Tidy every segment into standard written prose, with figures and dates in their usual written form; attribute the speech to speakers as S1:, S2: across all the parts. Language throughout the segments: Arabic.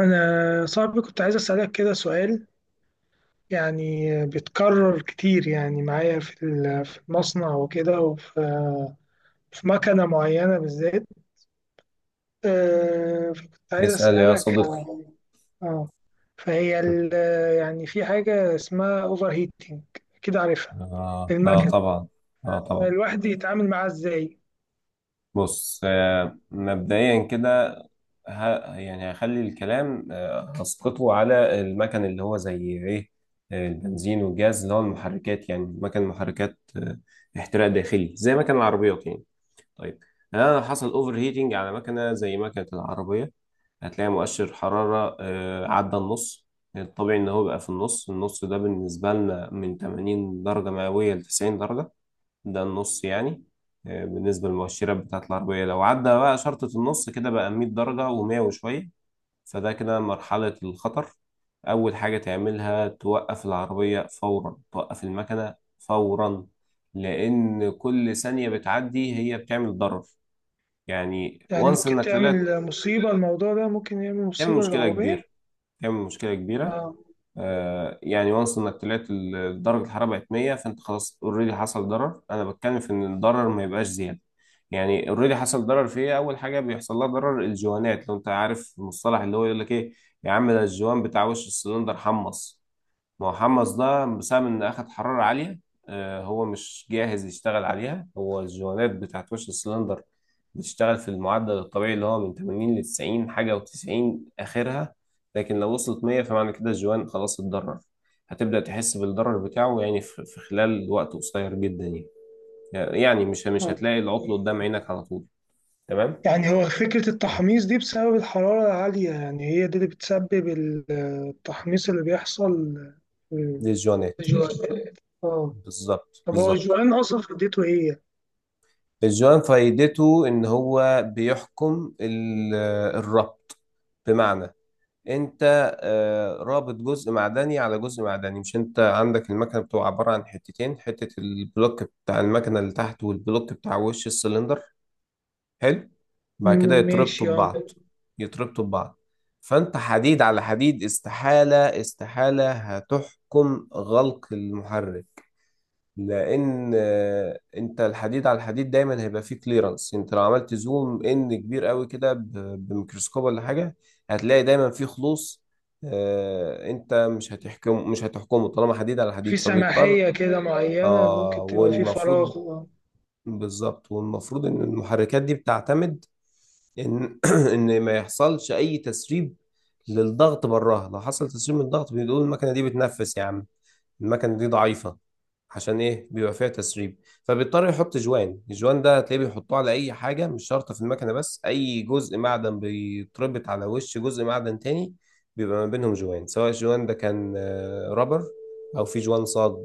S1: أنا صاحبي كنت عايز أسألك كده سؤال يعني بيتكرر كتير يعني معايا في المصنع وكده وفي مكنة معينة بالذات، فكنت عايز
S2: اسأل يا
S1: أسألك
S2: صديقي.
S1: على- اه فهي ال- يعني في حاجة اسمها أوفر هيتنج، أكيد عارفها
S2: آه, آه
S1: المكنة.
S2: طبعا آه طبعا
S1: الواحد يتعامل معاها إزاي؟
S2: بص، مبدئيا كده، يعني هخلي الكلام، هسقطه على المكن اللي هو زي إيه. البنزين والجاز، اللي هو المحركات، يعني مكن محركات احتراق داخلي، زي مكن العربيات يعني. طيب، أنا لو حصل أوفر هيتنج على مكنة زي مكنة العربية، هتلاقي مؤشر حرارة عدى النص. الطبيعي إن هو بقى في النص، النص ده بالنسبة لنا من 80 درجة مئوية ل 90 درجة، ده النص يعني. بالنسبة للمؤشرات بتاعة العربية، لو عدى بقى شرطة النص كده بقى 100 درجة و100 وشوية، فده كده مرحلة الخطر. أول حاجة تعملها توقف العربية فورا، توقف المكنة فورا، لأن كل ثانية بتعدي هي بتعمل ضرر. يعني
S1: يعني
S2: وانس
S1: ممكن
S2: إنك طلعت.
S1: تعمل مصيبة، الموضوع ده ممكن يعمل
S2: تعمل
S1: مصيبة
S2: مشكلة كبيرة،
S1: للعربية.
S2: تعمل مشكلة كبيرة.
S1: اه
S2: يعني وانس انك طلعت، درجه الحراره بقت 100، فانت خلاص اوريدي حصل ضرر. انا بتكلم في ان الضرر ما يبقاش زياده. يعني اوريدي حصل ضرر في ايه؟ اول حاجه بيحصل لها ضرر الجوانات. لو انت عارف المصطلح، اللي هو يقول لك ايه يا عم، ده الجوان بتاع وش السلندر حمص. ما هو حمص ده بسبب ان اخد حرارة عالية. هو مش جاهز يشتغل عليها. هو الجوانات بتاعت وش السلندر بتشتغل في المعدل الطبيعي اللي هو من 80 ل 90 حاجة و90 آخرها. لكن لو وصلت 100 فمعنى كده الجوان خلاص اتضرر. هتبدأ تحس بالضرر بتاعه يعني في خلال وقت قصير جدا يعني. يعني مش مش
S1: اه،
S2: هتلاقي العطل قدام عينك على طول. تمام.
S1: يعني هو فكرة التحميص دي بسبب الحرارة العالية، يعني هي دي اللي بتسبب التحميص اللي بيحصل في
S2: دي الجوانات.
S1: الجوان. اه.
S2: بالظبط
S1: طب هو
S2: بالظبط.
S1: الجوان أصلا فديته ايه؟
S2: الجوان فايدته ان هو بيحكم الربط. بمعنى انت، رابط جزء معدني على جزء معدني، مش؟ انت عندك المكنه بتبقى عباره عن حتتين، حته البلوك بتاع المكنه اللي تحت، والبلوك بتاع وش السلندر. حلو. بعد كده
S1: مم،
S2: يتربطوا
S1: ماشي اه.
S2: ببعض، يتربطوا ببعض. فانت حديد على حديد، استحاله استحاله هتحكم غلق المحرك. لان انت الحديد على الحديد دايما هيبقى فيه كليرنس. انت لو عملت زوم ان كبير قوي كده، بميكروسكوب ولا حاجه، هتلاقي دايما فيه خلوص. انت مش هتحكم، مش هتحكمه طالما حديد على
S1: في
S2: حديد، فبيضطر.
S1: سماحية كده معينة
S2: اه
S1: ممكن تبقى في
S2: والمفروض.
S1: فراغ آه.
S2: بالظبط، والمفروض ان المحركات دي بتعتمد ان ما يحصلش اي تسريب للضغط براها. لو حصل تسريب من الضغط بنقول المكنه دي بتنفس يا عم، المكنة دي ضعيفة. عشان ايه بيبقى فيها تسريب؟ فبيضطر يحط جوان. الجوان ده هتلاقيه بيحطوه على اي حاجة، مش شرط في المكنة بس، اي جزء معدن بيتربط على وش جزء معدن تاني بيبقى ما بينهم جوان. سواء الجوان ده كان رابر او في جوان صاج.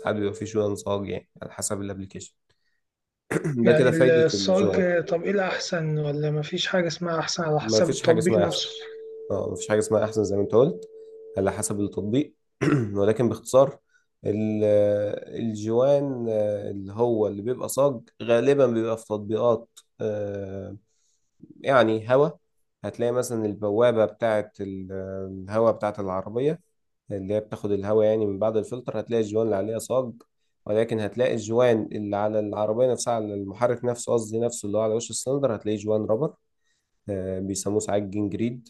S2: ساعات بيبقى في جوان صاج، يعني على حسب الابليكيشن. ده
S1: يعني
S2: كده فايدة الجوان.
S1: الصاج، طب ايه الأحسن ولا مفيش حاجة اسمها أحسن، على
S2: ما
S1: حسب
S2: فيش حاجة
S1: التطبيق
S2: اسمها احسن.
S1: نفسه.
S2: اه مفيش حاجة اسمها أحسن زي ما أنت قلت، على حسب التطبيق. ولكن باختصار، ال- الجوان، اللي هو اللي بيبقى صاج غالبا بيبقى في تطبيقات، آه، يعني هوا، هتلاقي مثلا البوابة بتاعة الهوا بتاعة العربية، اللي هي بتاخد الهوا يعني من بعد الفلتر، هتلاقي الجوان اللي عليها صاج. ولكن هتلاقي الجوان اللي على العربية نفسها، على المحرك نفسه قصدي، نفسه اللي هو على وش السلندر، هتلاقيه جوان رابر. بيسموه ساعات جنجريد.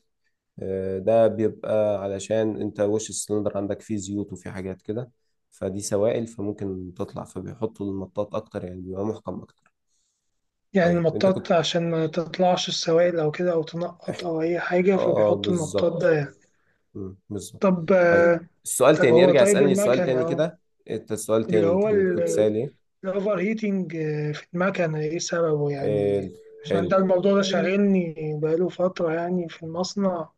S2: ده بيبقى علشان انت وش السلندر عندك فيه زيوت وفيه حاجات كده، فدي سوائل فممكن تطلع، فبيحطوا المطاط اكتر يعني، بيبقى محكم اكتر.
S1: يعني
S2: طيب انت
S1: المطاط
S2: كنت،
S1: عشان ما تطلعش السوائل أو كده أو تنقط أو أي حاجة
S2: اه،
S1: فبيحطوا المطاط
S2: بالظبط.
S1: ده يعني.
S2: بالظبط.
S1: طب
S2: طيب،
S1: آه،
S2: السؤال
S1: طب
S2: تاني،
S1: هو
S2: ارجع
S1: طيب
S2: اسألني السؤال
S1: المكنة
S2: تاني
S1: أهو،
S2: كده. انت السؤال
S1: اللي
S2: تاني
S1: هو
S2: كان كنت سائل ايه؟
S1: الأوفر هيتنج في المكنة إيه سببه
S2: حلو.
S1: يعني، عشان
S2: حلو.
S1: ده الموضوع ده شاغلني بقاله فترة يعني في المصنع،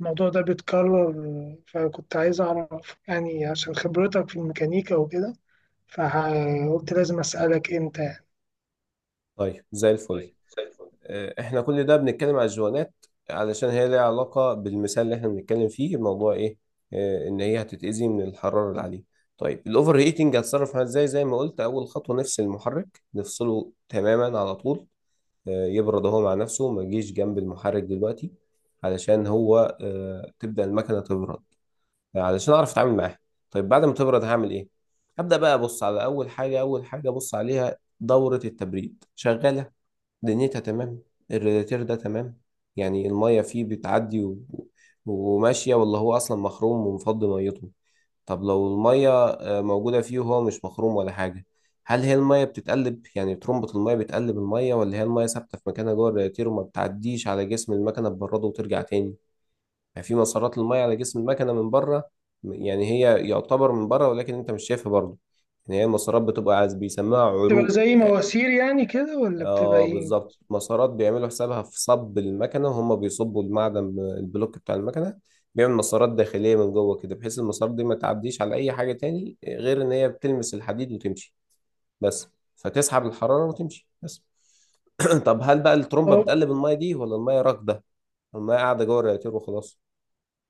S1: الموضوع ده بيتكرر، فكنت عايز أعرف يعني عشان خبرتك في الميكانيكا وكده، فقلت لازم أسألك أنت يعني.
S2: طيب زي الفل. احنا كل ده بنتكلم على الجوانات علشان هي ليها علاقة بالمثال اللي احنا بنتكلم فيه. الموضوع ايه؟ ان هي هتتأذي من الحرارة العالية. طيب الاوفر هيتنج هتصرف معاه ازاي؟ زي ما قلت اول خطوة نفس المحرك نفصله تماما على طول. يبرد هو مع نفسه، ما يجيش جنب المحرك دلوقتي، علشان هو، تبدأ المكنة تبرد علشان اعرف اتعامل معاها. طيب بعد ما تبرد هعمل ايه؟ هبدأ بقى ابص على اول حاجة. اول حاجة ابص عليها دورة التبريد شغالة، دنيتها تمام، الرادياتير ده تمام، يعني المية فيه بتعدي وماشية، ولا هو أصلا مخروم ومفضي ميته. طب لو المية موجودة فيه وهو مش مخروم ولا حاجة، هل هي المية بتتقلب، يعني ترمبة المية بتقلب المية، ولا هي المية ثابتة في مكانها جوه الرادياتير وما بتعديش على جسم المكنة تبرده وترجع تاني؟ يعني في مسارات المية على جسم المكنة من بره. يعني هي يعتبر من بره ولكن أنت مش شايفها برضه. يعني هي المسارات بتبقى عايز بيسموها
S1: بتبقى
S2: عروق.
S1: زي مواسير يعني كده ولا بتبقى
S2: اه
S1: إيه؟
S2: بالظبط، مسارات بيعملوا حسابها في صب المكنه، وهم بيصبوا المعدن، البلوك بتاع المكنه بيعمل مسارات داخليه من جوه كده، بحيث المسارات دي ما تعديش على اي حاجه تاني غير ان هي بتلمس الحديد وتمشي بس. فتسحب الحراره وتمشي بس. طب هل بقى الترمبه
S1: أه،
S2: بتقلب الميه دي، ولا الميه راكده، الميه قاعده جوه الرياتير وخلاص؟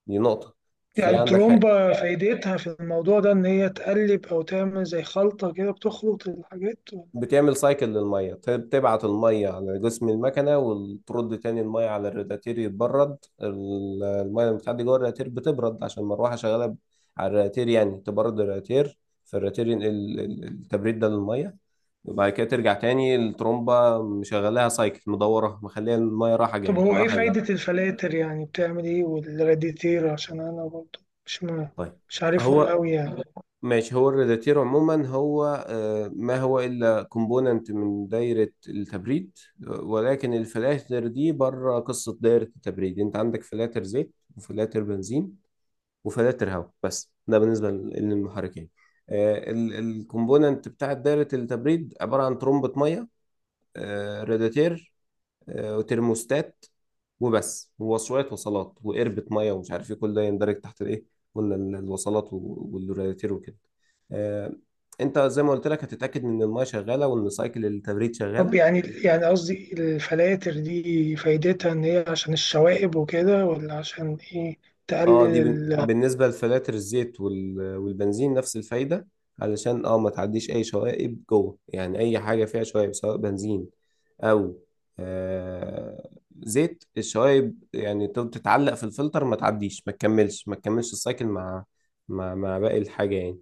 S2: دي نقطه. في
S1: يعني
S2: عندك،
S1: الترومبة فايدتها في الموضوع ده إن هي تقلب أو تعمل زي خلطة كده بتخلط الحاجات.
S2: بتعمل سايكل للميه. بتبعت الميه على جسم المكنه وترد تاني الميه على الرادياتير يتبرد. الميه اللي بتعدي جوه الرادياتير بتبرد عشان المروحه شغاله، على الرادياتير، يعني تبرد الرادياتير، فالرادياتير ينقل التبريد ده للميه. وبعد كده ترجع تاني الترومبه مشغلاها سايكل مدوره مخليها الميه رايحه
S1: طب
S2: جايه
S1: هو ايه
S2: رايحه
S1: فايدة
S2: جايه.
S1: الفلاتر يعني بتعمل ايه والراديتير، عشان انا برضه مش م...
S2: طيب
S1: مش عارفهم
S2: هو،
S1: قوي يعني.
S2: ماشي. هو الريداتير عموما هو، ما هو إلا كومبوننت من دايرة التبريد. ولكن الفلاتر دي بره قصة دايرة التبريد. انت عندك فلاتر زيت وفلاتر بنزين وفلاتر هواء، بس ده بالنسبة للمحركين. الكومبوننت بتاعة دايرة التبريد عبارة عن ترمبة مية، رادياتير، وترموستات وبس، ووصلات، وصلات وقربة ميه ومش عارف ايه، كل ده يندرج تحت الايه. قلنا الوصلات والرادياتير وكده. آه، انت زي ما قلت لك هتتاكد ان الميه شغاله وان سايكل التبريد
S1: طب
S2: شغاله.
S1: يعني يعني قصدي الفلاتر دي فايدتها ان هي عشان الشوائب وكده ولا عشان ايه، تقلل
S2: اه دي
S1: ال...
S2: بالنسبة لفلاتر الزيت والبنزين، نفس الفايدة. علشان اه ما تعديش اي شوائب جوه، يعني اي حاجة فيها شوائب، سواء بنزين او آه زيت، الشوائب يعني تفضل تتعلق في الفلتر، ما تعديش، ما تكملش ما تكملش السايكل مع مع باقي الحاجة يعني.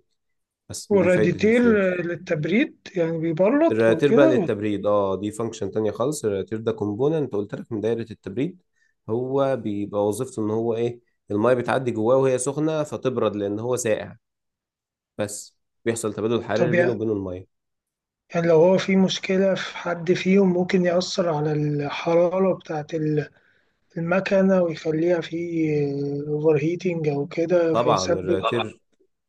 S2: بس دي فايدة
S1: والراديتير
S2: الفلاتر.
S1: للتبريد يعني بيبرد او
S2: الرياتير بقى
S1: كده ولا-.
S2: للتبريد، اه دي فانكشن تانية خالص. الرياتير ده كومبوننت قلت لك من دايرة التبريد. هو بيبقى وظيفته ان هو ايه؟ المية بتعدي جواه وهي سخنة فتبرد لان هو ساقع بس. بيحصل تبادل حراري
S1: طب
S2: بينه
S1: يعني
S2: وبين المية.
S1: يعني لو هو في مشكلة في حد فيهم ممكن يأثر على الحرارة بتاعة المكنة ويخليها في اوفر هيتنج او كده
S2: طبعا
S1: فيسبب.
S2: الرياتير،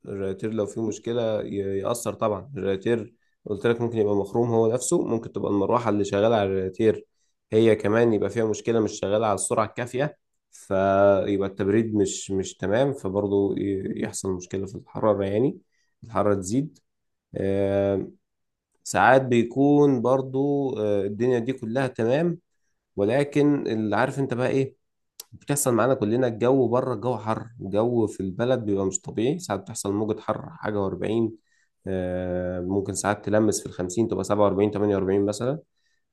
S2: الرياتير لو فيه مشكلة يأثر طبعا. الرياتير قلت لك ممكن يبقى مخروم هو نفسه، ممكن تبقى المروحة اللي شغالة على الرياتير هي كمان يبقى فيها مشكلة مش شغالة على السرعة الكافية، فيبقى التبريد مش مش تمام، فبرضه يحصل مشكلة في الحرارة يعني، الحرارة تزيد. آم، ساعات بيكون برضه الدنيا دي كلها تمام، ولكن اللي عارف انت بقى ايه، بتحصل معانا كلنا، الجو بره، الجو حر، الجو في البلد بيبقى مش طبيعي، ساعات بتحصل موجة حر حاجة وأربعين. ممكن ساعات تلمس في الخمسين، تبقى سبعة وأربعين تمانية وأربعين مثلا.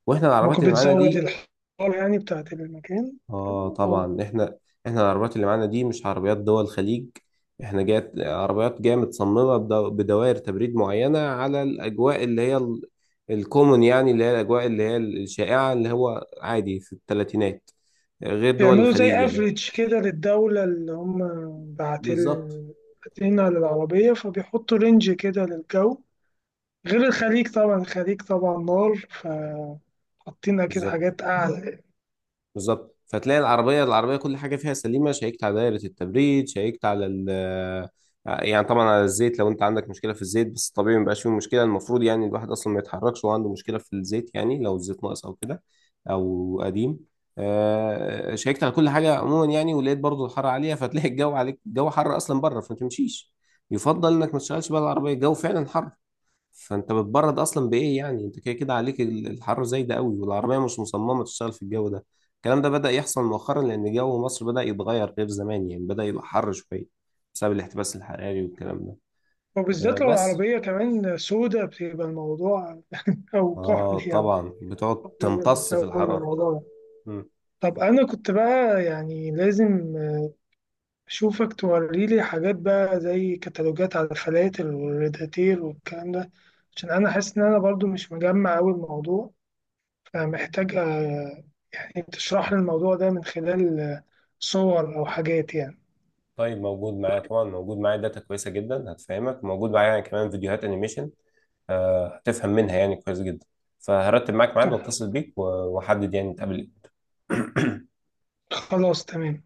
S2: وإحنا
S1: ممكن
S2: العربيات اللي معانا
S1: بتزود
S2: دي،
S1: الحرارة يعني بتاعة المكان.
S2: آه
S1: اه
S2: طبعا. إحنا إحنا العربيات اللي معانا دي مش عربيات دول الخليج. إحنا جات عربيات جاية متصممة بدوائر تبريد معينة على الأجواء اللي هي الكومن، يعني اللي هي الأجواء اللي هي الشائعة، اللي هو عادي في الثلاثينات، غير دول
S1: بيعملوا
S2: الخليج
S1: زي
S2: يعني.
S1: افريج كده للدولة اللي هم باعتين
S2: بالظبط.
S1: باعتينها للعربية فبيحطوا رينج كده للجو، غير الخليج طبعا، الخليج طبعا نار، فحاطين أكيد
S2: بالظبط
S1: حاجات أعلى.
S2: بالظبط. فتلاقي العربية، العربية كل حاجة فيها سليمة، شيكت على دايرة التبريد، شيكت على ال، يعني طبعا على الزيت، لو انت عندك مشكلة في الزيت، بس طبيعي ما بيبقاش فيه مشكلة، المفروض يعني الواحد اصلا ما يتحركش وهو عنده مشكلة في الزيت يعني، لو الزيت ناقص او كده او قديم، شيكت على كل حاجة عموما يعني، ولقيت برضو الحر عالية، فتلاقي الجو عليك، الجو حر اصلا بره، فما تمشيش. يفضل انك ما تشتغلش بقى العربية، الجو فعلا حر، فانت بتبرد اصلا بايه يعني؟ انت كده كده عليك الحر زي ده قوي، والعربيه مش مصممه تشتغل في الجو ده. الكلام ده بدا يحصل مؤخرا لان جو مصر بدا يتغير غير زمان، يعني بدا يبقى حر شويه بسبب الاحتباس الحراري والكلام ده.
S1: وبالذات لو
S2: بس.
S1: العربية كمان سودة بتبقى الموضوع أو كحل
S2: اه طبعا بتقعد
S1: يعني،
S2: تمتص في
S1: بتزود
S2: الحراره.
S1: الموضوع.
S2: مم.
S1: طب أنا كنت بقى يعني لازم أشوفك توريلي حاجات بقى زي كتالوجات على الفلاتر والريداتير والكلام ده، عشان أنا حاسس إن أنا برضو مش مجمع أوي الموضوع، فمحتاج يعني تشرح لي الموضوع ده من خلال صور أو حاجات يعني.
S2: طيب موجود معايا، طبعا موجود معايا داتا كويسه جدا هتفهمك، موجود معايا يعني كمان فيديوهات انيميشن، هتفهم منها يعني كويس جدا. فهرتب معاك ميعاد
S1: طب
S2: واتصل بيك واحدد يعني نتقابل إمتى.
S1: خلاص تمام.